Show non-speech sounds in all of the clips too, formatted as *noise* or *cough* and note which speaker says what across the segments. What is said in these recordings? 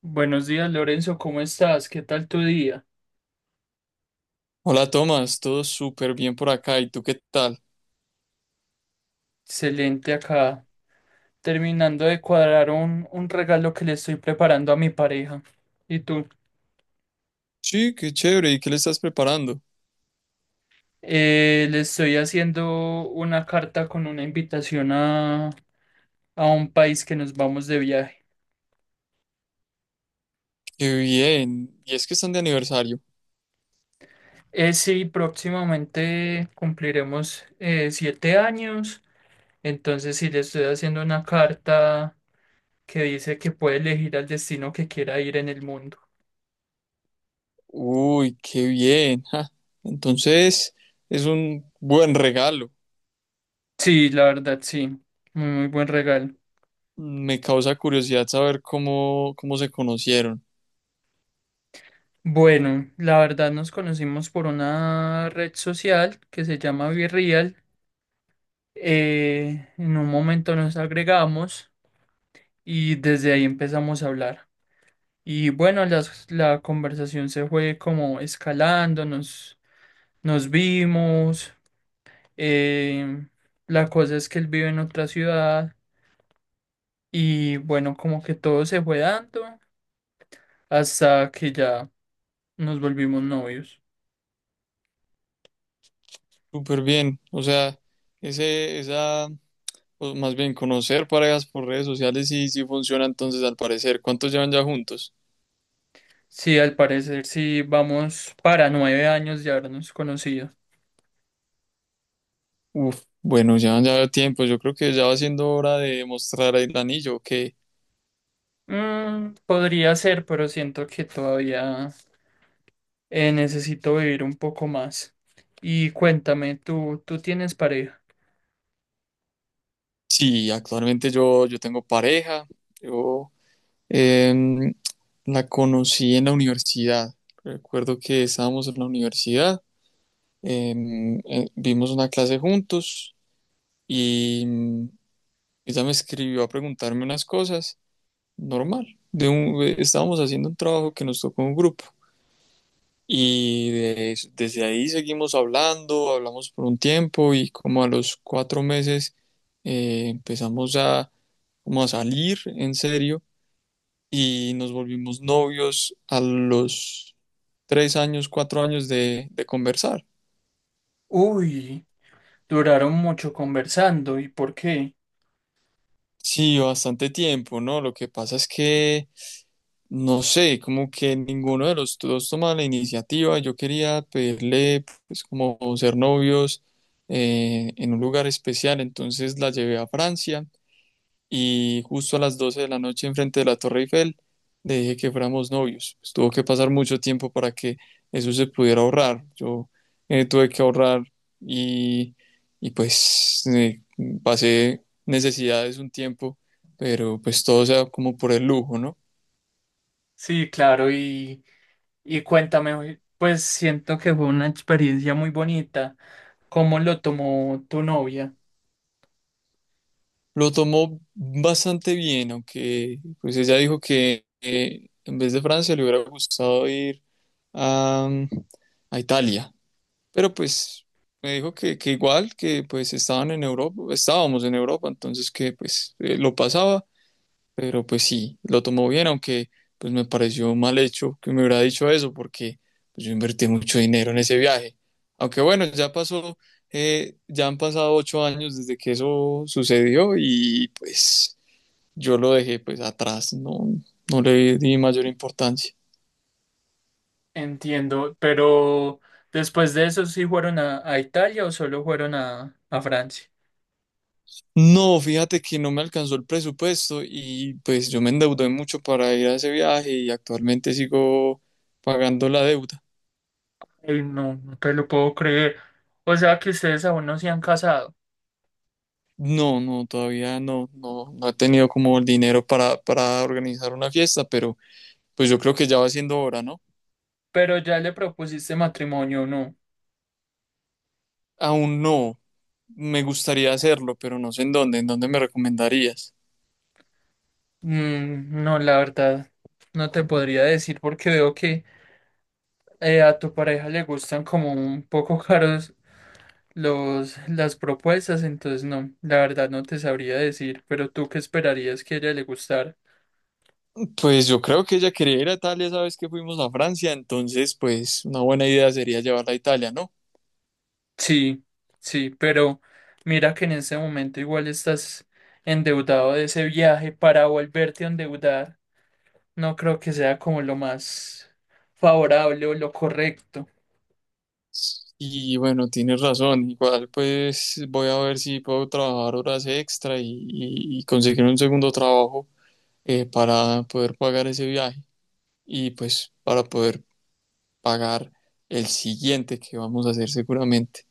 Speaker 1: Buenos días, Lorenzo, ¿cómo estás? ¿Qué tal tu día?
Speaker 2: Hola Tomás, todo súper bien por acá. ¿Y tú qué tal?
Speaker 1: Excelente acá, terminando de cuadrar un regalo que le estoy preparando a mi pareja. ¿Y tú?
Speaker 2: Sí, qué chévere. ¿Y qué le estás preparando?
Speaker 1: Le estoy haciendo una carta con una invitación a un país que nos vamos de viaje.
Speaker 2: Qué bien. Y es que están de aniversario.
Speaker 1: Sí, próximamente cumpliremos 7 años, entonces sí le estoy haciendo una carta que dice que puede elegir al destino que quiera ir en el mundo.
Speaker 2: Uy, qué bien. Ja. Entonces, es un buen regalo.
Speaker 1: Sí, la verdad, sí. Muy muy buen regalo.
Speaker 2: Me causa curiosidad saber cómo se conocieron.
Speaker 1: Bueno, la verdad nos conocimos por una red social que se llama Virreal. En un momento nos agregamos y desde ahí empezamos a hablar. Y bueno, la conversación se fue como escalando, nos vimos. eh, la cosa es que él vive en otra ciudad y bueno, como que todo se fue dando hasta que ya nos volvimos novios.
Speaker 2: Súper bien. O sea, ese, esa, o más bien conocer parejas por redes sociales sí, sí funciona entonces al parecer. ¿Cuántos llevan ya juntos?
Speaker 1: Sí, al parecer sí vamos para 9 años de habernos conocido.
Speaker 2: Uf, bueno, ya ya tiempo. Yo creo que ya va siendo hora de mostrar el anillo. Que
Speaker 1: Mm, podría ser, pero siento que todavía necesito vivir un poco más. Y cuéntame, ¿tú tienes pareja?
Speaker 2: sí, actualmente yo tengo pareja. Yo em, la conocí en la universidad. Recuerdo que estábamos en la universidad. Vimos una clase juntos y ella me escribió a preguntarme unas cosas. Normal. Estábamos haciendo un trabajo que nos tocó en un grupo. Y desde ahí seguimos hablando, hablamos por un tiempo y como a los 4 meses empezamos como a salir en serio y nos volvimos novios a los 3 años, 4 años de conversar.
Speaker 1: Uy, duraron mucho conversando, ¿y por qué?
Speaker 2: Sí, bastante tiempo, ¿no? Lo que pasa es que, no sé, como que ninguno de los dos toma la iniciativa. Yo quería pedirle, pues, como ser novios en un lugar especial, entonces la llevé a Francia. Y justo a las 12 de la noche enfrente de la Torre Eiffel le dije que fuéramos novios. Pues tuvo que pasar mucho tiempo para que eso se pudiera ahorrar. Yo tuve que ahorrar y, y pues pasé necesidades un tiempo, pero pues todo sea como por el lujo, ¿no?
Speaker 1: Sí, claro, y cuéntame, pues siento que fue una experiencia muy bonita. ¿Cómo lo tomó tu novia?
Speaker 2: Lo tomó bastante bien, aunque pues ella dijo que en vez de Francia le hubiera gustado ir a, a Italia. Pero pues me dijo que igual, que pues estaban en Europa, estábamos en Europa, entonces que pues lo pasaba, pero pues sí, lo tomó bien, aunque pues me pareció mal hecho que me hubiera dicho eso, porque pues, yo invertí mucho dinero en ese viaje. Aunque bueno, ya pasó. Ya han pasado 8 años desde que eso sucedió y pues yo lo dejé pues atrás, no, no le di mayor importancia.
Speaker 1: Entiendo, pero después de eso sí fueron a Italia o solo fueron a Francia.
Speaker 2: No, fíjate que no me alcanzó el presupuesto y pues yo me endeudé mucho para ir a ese viaje y actualmente sigo pagando la deuda.
Speaker 1: Ey, no, no te lo puedo creer. O sea que ustedes aún no se han casado,
Speaker 2: No, no, todavía no, no, no he tenido como el dinero para organizar una fiesta, pero pues yo creo que ya va siendo hora, ¿no?
Speaker 1: pero ya le propusiste matrimonio, ¿no?
Speaker 2: Aún no, me gustaría hacerlo, pero no sé en dónde. ¿En dónde me recomendarías?
Speaker 1: Mm, no, la verdad, no te podría decir porque veo que a tu pareja le gustan como un poco caros las propuestas, entonces no, la verdad no te sabría decir, pero tú qué esperarías que a ella le gustara.
Speaker 2: Pues yo creo que ella quería ir a Italia, sabes que fuimos a Francia, entonces pues una buena idea sería llevarla a Italia, ¿no?
Speaker 1: Sí, sí, pero mira que en ese momento igual estás endeudado de ese viaje para volverte a endeudar. No creo que sea como lo más favorable o lo correcto.
Speaker 2: Y bueno, tienes razón. Igual pues voy a ver si puedo trabajar horas extra y conseguir un segundo trabajo para poder pagar ese viaje y pues para poder pagar el siguiente que vamos a hacer seguramente.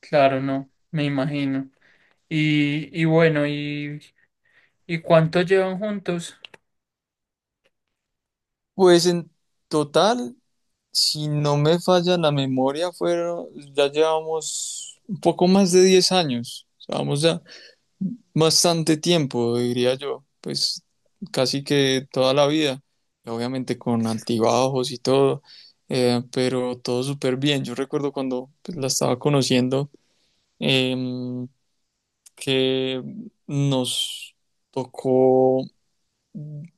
Speaker 1: Claro, no, me imagino. Y bueno, ¿y cuánto llevan juntos?
Speaker 2: Pues en total, si no me falla la memoria, ya llevamos un poco más de 10 años. Vamos bastante tiempo, diría yo, pues casi que toda la vida, obviamente con altibajos y todo. Pero todo súper bien. Yo recuerdo cuando pues, la estaba conociendo. em, que nos tocó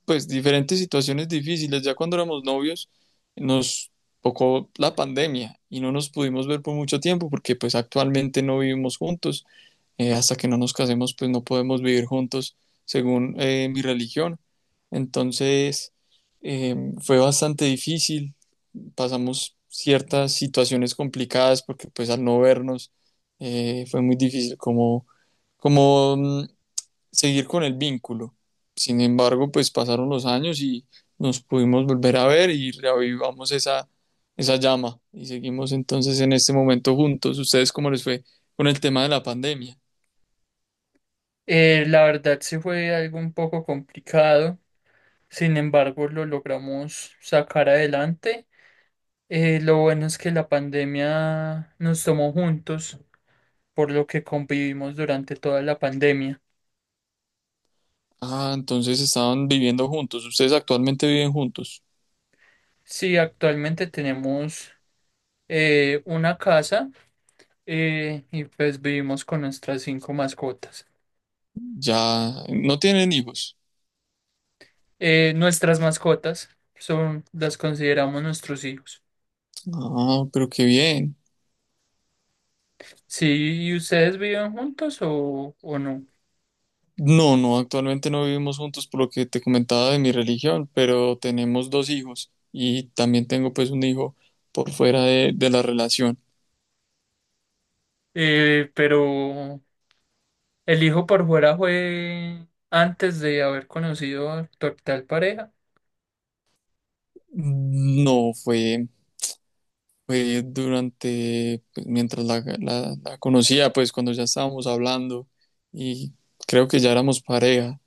Speaker 2: pues diferentes situaciones difíciles. Ya cuando éramos novios nos tocó la pandemia y no nos pudimos ver por mucho tiempo porque pues actualmente no vivimos juntos. Hasta que no nos casemos, pues no podemos vivir juntos según mi religión. Entonces, eh, fue bastante difícil. Pasamos ciertas situaciones complicadas porque pues al no vernos fue muy difícil como seguir con el vínculo. Sin embargo, pues pasaron los años y nos pudimos volver a ver y reavivamos esa llama y seguimos entonces en este momento juntos. ¿Ustedes cómo les fue con el tema de la pandemia?
Speaker 1: La verdad sí fue algo un poco complicado. Sin embargo, lo logramos sacar adelante. Lo bueno es que la pandemia nos tomó juntos. Por lo que convivimos durante toda la pandemia.
Speaker 2: Ah, entonces estaban viviendo juntos. Ustedes actualmente viven juntos.
Speaker 1: Sí, actualmente tenemos una casa y pues vivimos con nuestras 5 mascotas.
Speaker 2: Ya no tienen hijos.
Speaker 1: Nuestras mascotas son, las consideramos nuestros hijos.
Speaker 2: Ah, pero qué bien.
Speaker 1: Sí, ¿y ustedes viven juntos o no?
Speaker 2: No, no, actualmente no vivimos juntos por lo que te comentaba de mi religión, pero tenemos dos hijos y también tengo pues un hijo por fuera de la relación.
Speaker 1: Pero el hijo por fuera fue antes de haber conocido a tu actual pareja.
Speaker 2: No, fue durante, pues, mientras la conocía, pues cuando ya estábamos hablando y creo que ya éramos pareja.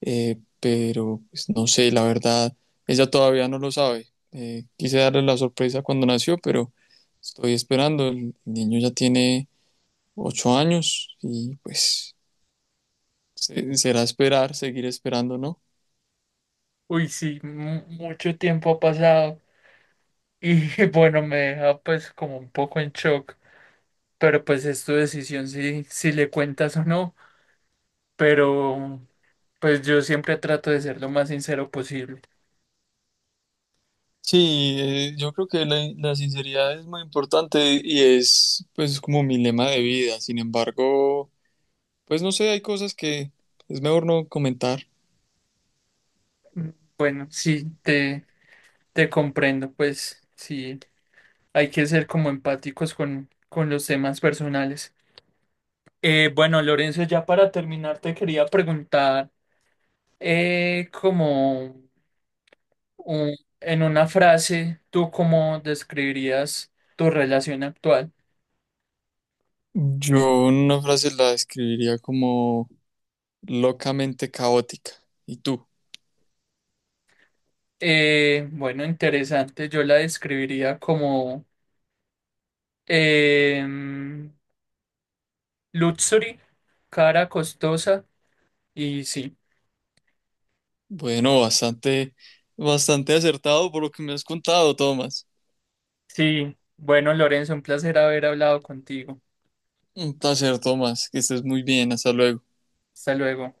Speaker 2: Pero pues, no sé, la verdad, ella todavía no lo sabe. Quise darle la sorpresa cuando nació, pero estoy esperando. El niño ya tiene 8 años y pues será esperar, seguir esperando, ¿no?
Speaker 1: Uy, sí, mucho tiempo ha pasado. Y *laughs* bueno, me deja pues como un poco en shock, pero pues es tu decisión si le cuentas o no, pero pues yo siempre trato de ser lo más sincero posible.
Speaker 2: Sí, yo creo que la sinceridad es muy importante y es pues como mi lema de vida. Sin embargo, pues no sé, hay cosas que es mejor no comentar.
Speaker 1: Bueno, sí, te comprendo, pues sí, hay que ser como empáticos con los temas personales. Bueno, Lorenzo, ya para terminar te quería preguntar, como en una frase, ¿tú cómo describirías tu relación actual?
Speaker 2: Yo una frase la describiría como locamente caótica. ¿Y tú?
Speaker 1: Bueno, interesante. Yo la describiría como em, luxury, cara costosa y sí.
Speaker 2: Bueno, bastante, bastante acertado por lo que me has contado, Tomás.
Speaker 1: Sí, bueno, Lorenzo, un placer haber hablado contigo.
Speaker 2: Un placer, Tomás, que estés muy bien. Hasta luego.
Speaker 1: Hasta luego.